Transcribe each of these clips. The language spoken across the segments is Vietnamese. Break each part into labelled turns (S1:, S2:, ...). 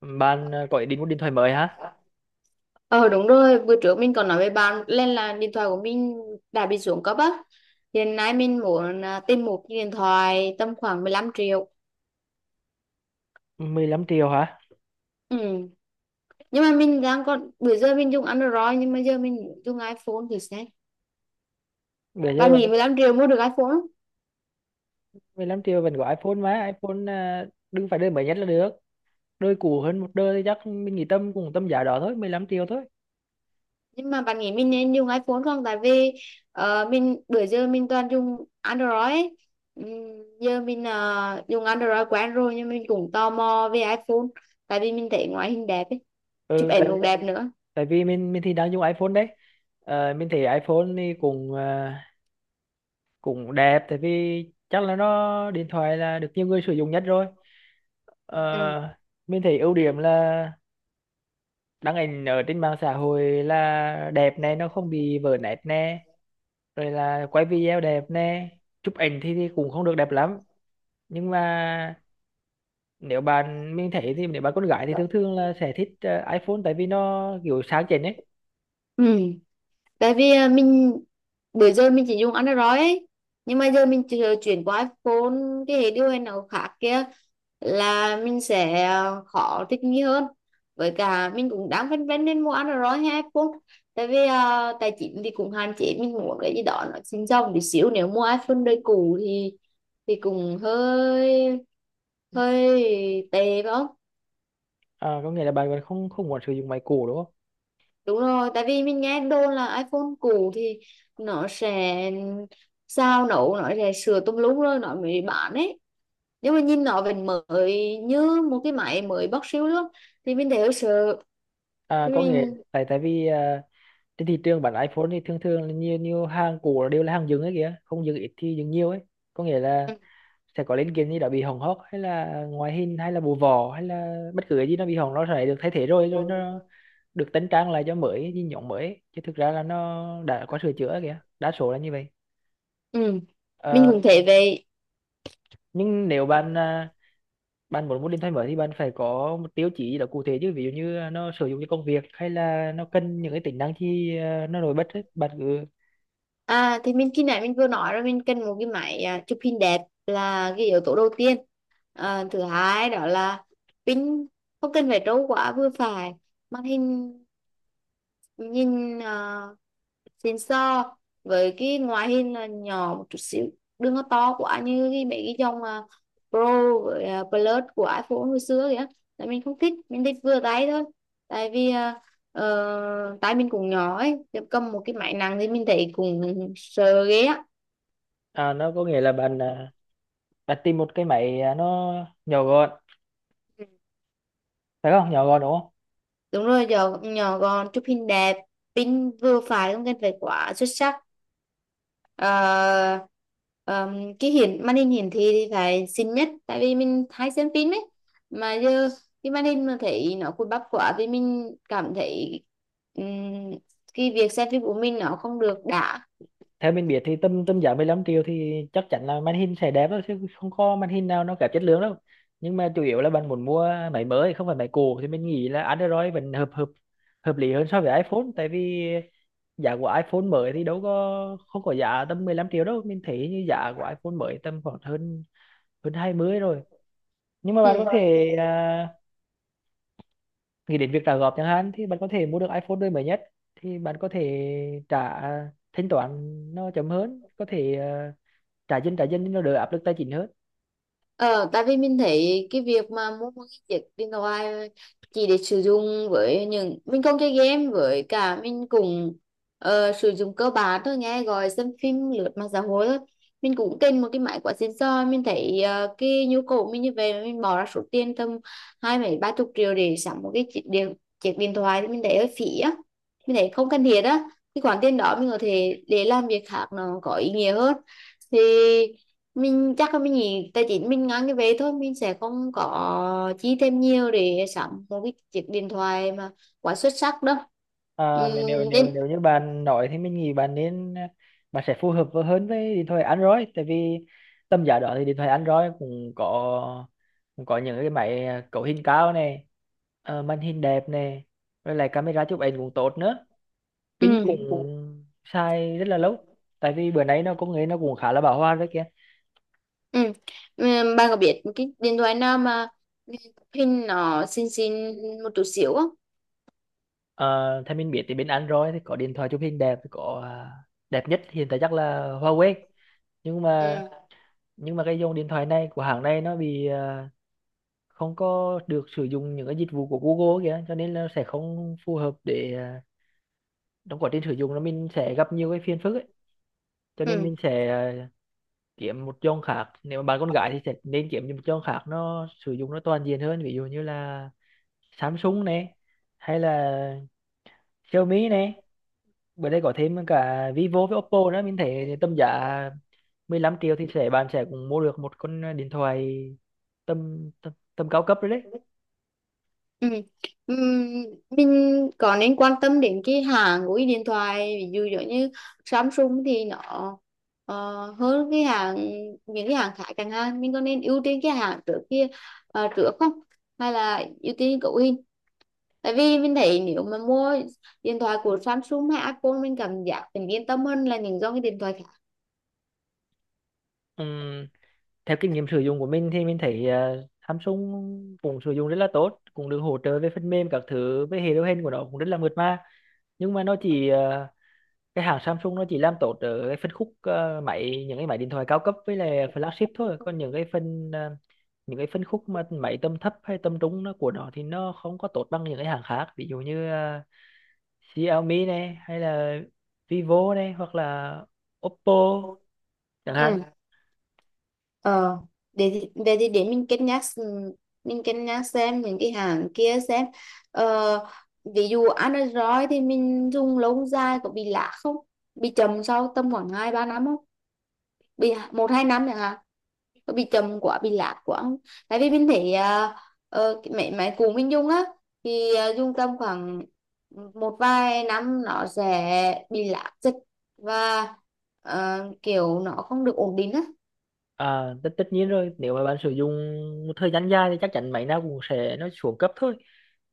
S1: Bạn có ý định mua điện thoại mới hả?
S2: Ờ đúng rồi, bữa trước mình còn nói với bạn lên là điện thoại của mình đã bị xuống cấp á. Hiện nay mình muốn tìm một cái điện thoại tầm khoảng 15 triệu.
S1: 15 triệu hả?
S2: Ừ. Nhưng mà mình đang còn bữa giờ mình dùng Android, nhưng mà giờ mình muốn dùng iPhone thì sẽ.
S1: Bây giờ
S2: Bạn nghĩ
S1: bạn.
S2: 15 triệu mua được iPhone không?
S1: 15 triệu vẫn có iPhone mà, iPhone đừng phải đời mới nhất là được. Đời cũ hơn một đời thì chắc mình nghĩ tầm cùng tầm giá đó thôi, 15 triệu thôi.
S2: Nhưng mà bạn nghĩ mình nên dùng iPhone không? Tại vì mình bữa giờ mình toàn dùng Android ấy. Ừ, giờ mình dùng Android quen rồi, nhưng mình cũng tò mò về iPhone tại vì mình thấy ngoại hình đẹp ấy. Chụp
S1: Ừ,
S2: ảnh
S1: tại
S2: cũng đẹp nữa.
S1: tại vì mình thì đang dùng iPhone đấy. Mình thấy iPhone thì cũng cũng đẹp, tại vì chắc là nó điện thoại là được nhiều người sử dụng nhất rồi. Ờ,
S2: Ừ,
S1: mình thấy ưu điểm là đăng ảnh ở trên mạng xã hội là đẹp này, nó không bị vỡ nét nè, rồi là quay video đẹp nè. Chụp ảnh thì cũng không được đẹp lắm, nhưng mà nếu bạn, mình thấy thì nếu bạn con gái thì thường thường là sẽ thích iPhone tại vì nó kiểu sáng chảnh ấy.
S2: ừ, tại vì mình bữa giờ mình chỉ dùng Android ấy, nhưng mà giờ mình chuyển qua iPhone, cái hệ điều hành nào khác kia là mình sẽ khó thích nghi hơn. Với cả mình cũng đang phân vân nên mua Android hay iPhone, tại vì tài chính thì cũng hạn chế. Mình muốn cái gì đó nó xinh xông tí xíu, nếu mua iPhone đời cũ thì cũng hơi hơi tệ phải không?
S1: Có nghĩa là bạn còn không không muốn sử dụng máy cũ đúng không?
S2: Đúng rồi, tại vì mình nghe đồn là iPhone cũ thì nó sẽ sao nổ, nó sẽ sửa tùm lum rồi nó mới bán ấy. Nhưng mà nhìn nó vẫn mới như một cái máy mới bóc siêu luôn. Thì mình thấy hơi sợ. Thì
S1: Có nghĩa
S2: Mình
S1: tại tại vì trên thị trường bản iPhone thì thường thường là nhiều nhiều hàng cũ là đều là hàng dừng ấy kìa, không dừng ít thì dừng nhiều ấy. Có nghĩa là sẽ có linh kiện gì đó bị hỏng hóc hay là ngoại hình hay là bộ vỏ hay là bất cứ cái gì nó bị hỏng, nó sẽ được thay thế, rồi rồi nó được tính trang lại cho mới với nhộn mới, chứ thực ra là nó đã có sửa chữa kìa, đa số là như vậy.
S2: Ừ, mình
S1: Ờ,
S2: cũng thấy vậy.
S1: nhưng nếu bạn bạn muốn một điện thoại mới thì bạn phải có một tiêu chí gì đó cụ thể chứ, ví dụ như nó sử dụng cho công việc hay là nó cần những cái tính năng gì nó nổi bật ấy. Bạn cứ.
S2: À thì mình khi nãy mình vừa nói rồi, mình cần một cái máy chụp hình đẹp là cái yếu tố đầu tiên. À, thứ hai đó là pin không cần phải trâu quá, vừa phải. Màn hình nhìn xịn, so với cái ngoại hình là nhỏ một chút xíu, đừng có to quá như cái mấy cái dòng Pro với Plus của iPhone hồi xưa kìa. Tại mình không thích, mình thích vừa tay thôi, tại vì tay mình cũng nhỏ ấy, chứ cầm một cái máy nặng thì mình thấy cũng sợ ghê á.
S1: Nó có nghĩa là bạn bạn tìm một cái máy, nó nhỏ gọn,
S2: Ừ.
S1: phải không, nhỏ gọn đúng không?
S2: Đúng rồi, nhỏ gọn, chụp hình đẹp, pin vừa phải, không cần phải quá xuất sắc. Ờ, cái màn hình hiển thị thì phải xinh nhất, tại vì mình hay xem phim ấy, mà giờ cái màn hình mà thấy nó cùi bắp quá thì mình cảm thấy ừm, cái việc xem phim của mình nó không được đã.
S1: Theo mình biết thì tầm tầm giá 15 triệu thì chắc chắn là màn hình sẽ đẹp thôi, chứ không có màn hình nào nó kém chất lượng đâu. Nhưng mà chủ yếu là bạn muốn mua máy mới không phải máy cũ thì mình nghĩ là Android vẫn hợp hợp hợp lý hơn so với iPhone, tại vì giá của iPhone mới thì đâu có, không có giá tầm 15 triệu đâu, mình thấy như giá của iPhone mới tầm khoảng hơn hơn 20 rồi. Nhưng mà
S2: Ừ.
S1: bạn có thể nghĩ đến việc trả góp chẳng hạn, thì bạn có thể mua được iPhone đời mới nhất. Thì bạn có thể trả, thanh toán nó chậm hơn, có thể trả dinh nó đỡ áp lực tài chính hơn.
S2: Ờ, tại vì mình thấy cái việc mà mua một cái chiếc điện thoại chỉ để sử dụng, với những mình không chơi game, với cả mình cũng sử dụng cơ bản thôi, nghe gọi, xem phim, lướt mạng xã hội thôi. Mình cũng cần một cái máy quá xịn sò. Mình thấy cái nhu cầu mình như vậy mà mình bỏ ra số tiền tầm hai mấy ba chục triệu để sắm một cái chiếc điện thoại thì mình thấy hơi phí á, mình thấy không cần thiết á. Cái khoản tiền đó mình có thể để làm việc khác nó có ý nghĩa hơn. Thì mình chắc là mình nghĩ tài chính mình ngang cái về thôi, mình sẽ không có chi thêm nhiều để sắm một cái chiếc điện thoại mà quá xuất sắc đâu.
S1: à, nếu nếu nếu
S2: Nên
S1: nếu như bạn nói thì mình nghĩ bạn nên bạn sẽ phù hợp hơn với điện thoại Android, tại vì tầm giá đó thì điện thoại Android cũng có, những cái máy cấu hình cao này, màn hình đẹp này, rồi lại camera chụp ảnh cũng tốt nữa,
S2: ừ.
S1: pin cũng xài rất là lâu, tại vì bữa nay nó công nghệ nó cũng khá là bão hòa đấy kia.
S2: Ừ. Bạn có biết cái điện thoại nào mà hình nó xinh xinh một chút xíu không?
S1: Ờ, theo mình biết thì bên Android thì có điện thoại chụp hình đẹp, có đẹp nhất hiện tại chắc là Huawei, nhưng mà
S2: Ừ.
S1: nhưng mà cái dòng điện thoại này của hãng này nó bị không có được sử dụng những cái dịch vụ của Google kìa, cho nên là sẽ không phù hợp để trong quá trình sử dụng nó mình sẽ gặp nhiều cái phiền phức ấy, cho nên mình sẽ kiếm một dòng khác. Nếu mà bạn con gái thì sẽ nên kiếm một dòng khác nó sử dụng nó toàn diện hơn, ví dụ như là Samsung này, hay là Xiaomi này, bữa đây có thêm cả Vivo với Oppo nữa, mình thấy tầm giá 15 triệu thì sẽ, bạn sẽ cũng mua được một con điện thoại tầm tầm, tầm cao cấp rồi đấy.
S2: Ừ. Ừ. Ừm, mình có nên quan tâm đến cái hãng của cái điện thoại, ví dụ giống như Samsung thì nó ờ, hơn cái hãng, những cái hãng khác chẳng hạn. Mình có nên ưu tiên cái hãng trước kia, trước không, hay là ưu tiên cậu hình? Tại vì mình thấy nếu mà mua điện thoại của Samsung hay Apple mình cảm giác mình yên tâm hơn là những dòng cái điện thoại khác.
S1: Ừm, theo kinh nghiệm sử dụng của mình thì mình thấy Samsung cũng sử dụng rất là tốt, cũng được hỗ trợ về phần mềm các thứ, với hệ điều hành của nó cũng rất là mượt mà. Nhưng mà nó chỉ cái hãng Samsung nó chỉ làm tốt ở cái phân khúc, ờ, máy những cái máy điện thoại cao cấp với lại flagship thôi, còn những cái những cái phân khúc mà máy tầm thấp hay tầm trung nó của nó thì nó không có tốt bằng những cái hãng khác, ví dụ như Xiaomi này, hay là Vivo này, hoặc là Oppo chẳng hạn.
S2: Ừ. Ờ, để mình cân nhắc, mình cân nhắc xem những cái hàng kia xem. ờ, Ví dụ Android thì mình dùng lâu dài có bị lạ không, bị chậm sau tầm khoảng 2-3 năm không, bị 1-2 năm chẳng hạn, có bị chậm quá, bị lạ quá không? Tại vì mình thấy cái máy máy cũ mình dùng á, thì dùng tầm khoảng một vài năm nó sẽ bị lạ dịch và kiểu nó không được ổn định á.
S1: Tất nhiên rồi, nếu mà bạn sử dụng một thời gian dài thì chắc chắn máy nào cũng sẽ nó xuống cấp thôi,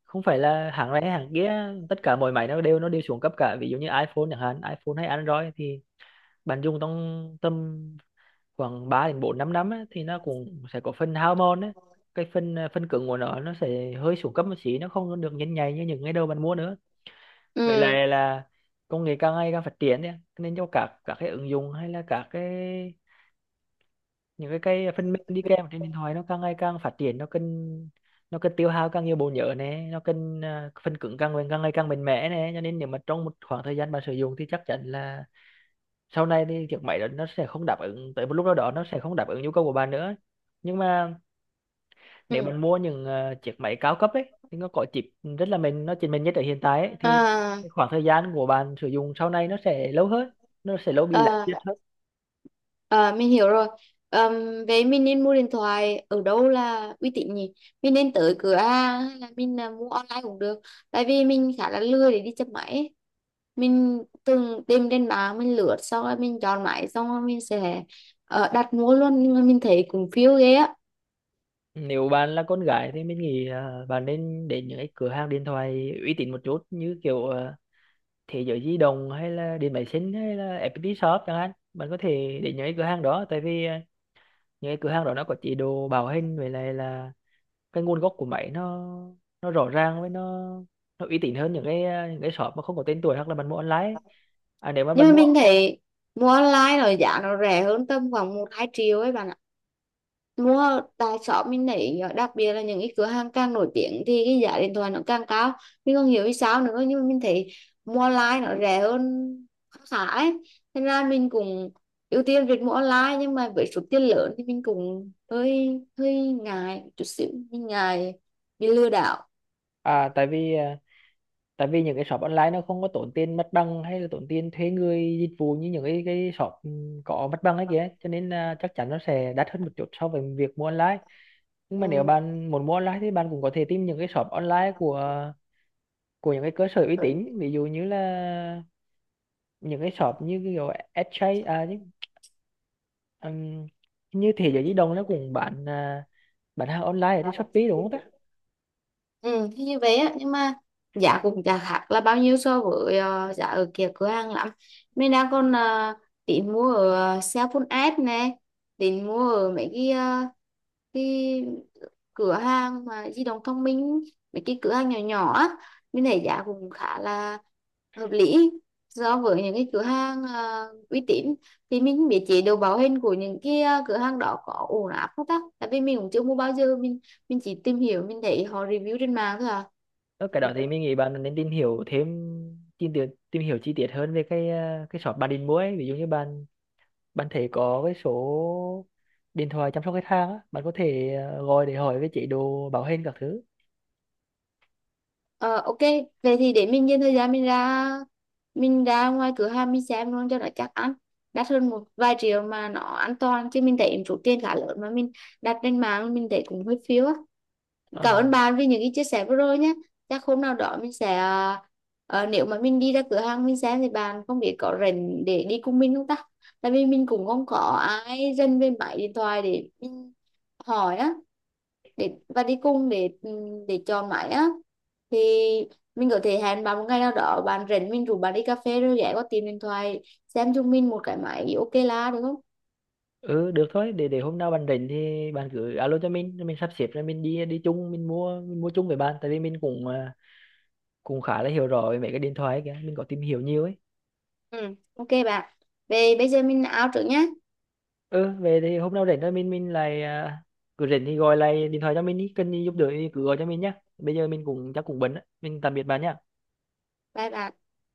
S1: không phải là hãng này hay hãng kia, tất cả mọi máy nó đều xuống cấp cả, ví dụ như iPhone chẳng hạn, iPhone hay Android thì bạn dùng trong tầm khoảng 3 đến 4 năm năm á, thì nó cũng sẽ có phần hao mòn á. Phần cứng của nó sẽ hơi xuống cấp một xí, nó không được nhanh nhạy như những ngày đầu bạn mua nữa. vậy
S2: Ừ.
S1: là là công nghệ càng ngày càng phát triển đấy, nên cho các cái ứng dụng hay là các cái, những cái phần mềm đi kèm trên điện thoại, nó càng ngày càng phát triển, nó cần tiêu hao càng nhiều bộ nhớ này, nó cần phần cứng càng ngày càng mạnh mẽ này, cho nên nếu mà trong một khoảng thời gian bạn sử dụng thì chắc chắn là sau này thì chiếc máy đó nó sẽ không đáp ứng, tới một lúc nào đó nó sẽ không đáp ứng nhu cầu của bạn nữa. Nhưng mà nếu
S2: Ừ.
S1: bạn mua những chiếc máy cao cấp ấy thì nó có chip rất là mềm, nó chỉ mềm nhất ở hiện tại ấy, thì
S2: À,
S1: cái khoảng thời gian của bạn sử dụng sau này nó sẽ lâu hơn, nó sẽ lâu bị lạc nhất
S2: à,
S1: hơn.
S2: mình hiểu rồi. Vậy mình nên mua điện thoại ở đâu là uy tín nhỉ? Mình nên tới cửa hàng hay là mình mua online cũng được. Tại vì mình khá là lười để đi chập máy ấy. Mình từng tìm trên mạng, mình lướt xong rồi mình chọn máy xong rồi mình sẽ đặt mua luôn, nhưng mà mình thấy cũng phiêu ghê á.
S1: Nếu bạn là con gái thì mình nghĩ bạn nên đến những cái cửa hàng điện thoại uy tín một chút, như kiểu Thế giới di động hay là điện máy xanh hay là FPT Shop chẳng hạn, bạn có thể đến những cái cửa hàng đó, tại vì những cái cửa hàng đó nó có chế độ bảo hành với lại là cái nguồn gốc của máy, nó rõ ràng, với nó uy tín hơn những cái shop mà không có tên tuổi, hoặc là bạn mua online ấy. Nếu mà
S2: Nhưng
S1: bạn
S2: mà
S1: mua.
S2: mình thấy mua online rồi giá nó rẻ hơn tầm khoảng 1-2 triệu ấy bạn ạ. Đúng rồi, tại shop mình thấy đặc biệt là những cái cửa hàng càng nổi tiếng thì cái giá điện thoại nó càng cao. Mình không hiểu vì sao nữa, nhưng mà mình thấy mua online nó rẻ hơn khá khá ấy, nên là mình cũng ưu tiên việc mua online. Nhưng mà với số tiền lớn thì mình cũng hơi hơi ngại chút xíu, mình ngại bị lừa đảo.
S1: Tại vì tại vì những cái shop online nó không có tốn tiền mặt bằng hay là tốn tiền thuê người dịch vụ như những cái shop, có mặt bằng ấy kìa, cho nên là chắc chắn nó sẽ đắt hơn một chút so với việc mua online. Nhưng mà nếu
S2: Ừ.
S1: bạn muốn mua online thì bạn cũng có thể tìm những cái shop online của, những cái cơ sở uy tín, ví dụ như là những cái shop như kiểu SJ, Ừm, hình như thế giới di động nó cũng bán, bán hàng online ở trên Shopee đúng không ta?
S2: Ừ, thì như vậy á, nhưng mà giá cũng chả khác là bao nhiêu so với giá ở kia cửa hàng lắm. Mình đang còn tính mua ở Sephora app nè, tính mua ở mấy cái, cái cửa hàng mà di động thông minh, mấy cái cửa hàng nhỏ nhỏ á, mình thấy giá cũng khá là hợp lý so với những cái cửa hàng uy tín. Thì mình không biết chế độ bảo hành của những cái cửa hàng đó có ổn áp không ta, tại vì mình cũng chưa mua bao giờ, mình chỉ tìm hiểu, mình thấy họ review trên mạng thôi à.
S1: Ở cái đó thì mình nghĩ bạn nên tìm hiểu thêm, tìm hiểu chi tiết hơn về cái, cái shop bạn định mua ấy. Ví dụ như bạn, bạn thấy có cái số điện thoại chăm sóc khách hàng á, bạn có thể gọi để hỏi về chế độ bảo hành các thứ.
S2: Ờ ok, vậy thì để mình dành thời gian, mình ra ngoài cửa hàng mình xem luôn cho nó chắc ăn. Đắt hơn một vài triệu mà nó an toàn, chứ mình thấy số tiền khá lớn mà mình đặt trên mạng mình thấy cũng hơi phiếu á. Cảm
S1: Ờ.
S2: ơn bạn vì những cái chia sẻ vừa rồi nhé. Chắc hôm nào đó mình sẽ nếu mà mình đi ra cửa hàng mình xem thì bạn không biết có rảnh để đi cùng mình không ta? Tại vì mình cũng không có ai rảnh về máy điện thoại để mình hỏi á, để và đi cùng để để chọn máy á, thì mình có thể hẹn bạn một ngày nào đó bạn rảnh, mình rủ bạn đi cà phê rồi ghé qua tìm điện thoại xem chúng mình một cái máy ok là được không?
S1: Ừ được thôi, để hôm nào bạn rảnh thì bạn cứ alo cho mình, rồi mình sắp xếp rồi mình đi đi chung, mình mua chung với bạn, tại vì mình cũng cũng khá là hiểu rõ về mấy cái điện thoại ấy kìa, mình có tìm hiểu nhiều ấy.
S2: Ừ. Ok bạn, về bây giờ mình out trước nhé.
S1: Ừ, về thì hôm nào rảnh thôi, mình lại cứ rảnh thì gọi lại điện thoại cho mình đi, cần gì giúp đỡ thì cứ gọi cho mình nhá. Bây giờ mình cũng chắc cũng bận á. Mình tạm biệt bạn nhá.
S2: Bye bye.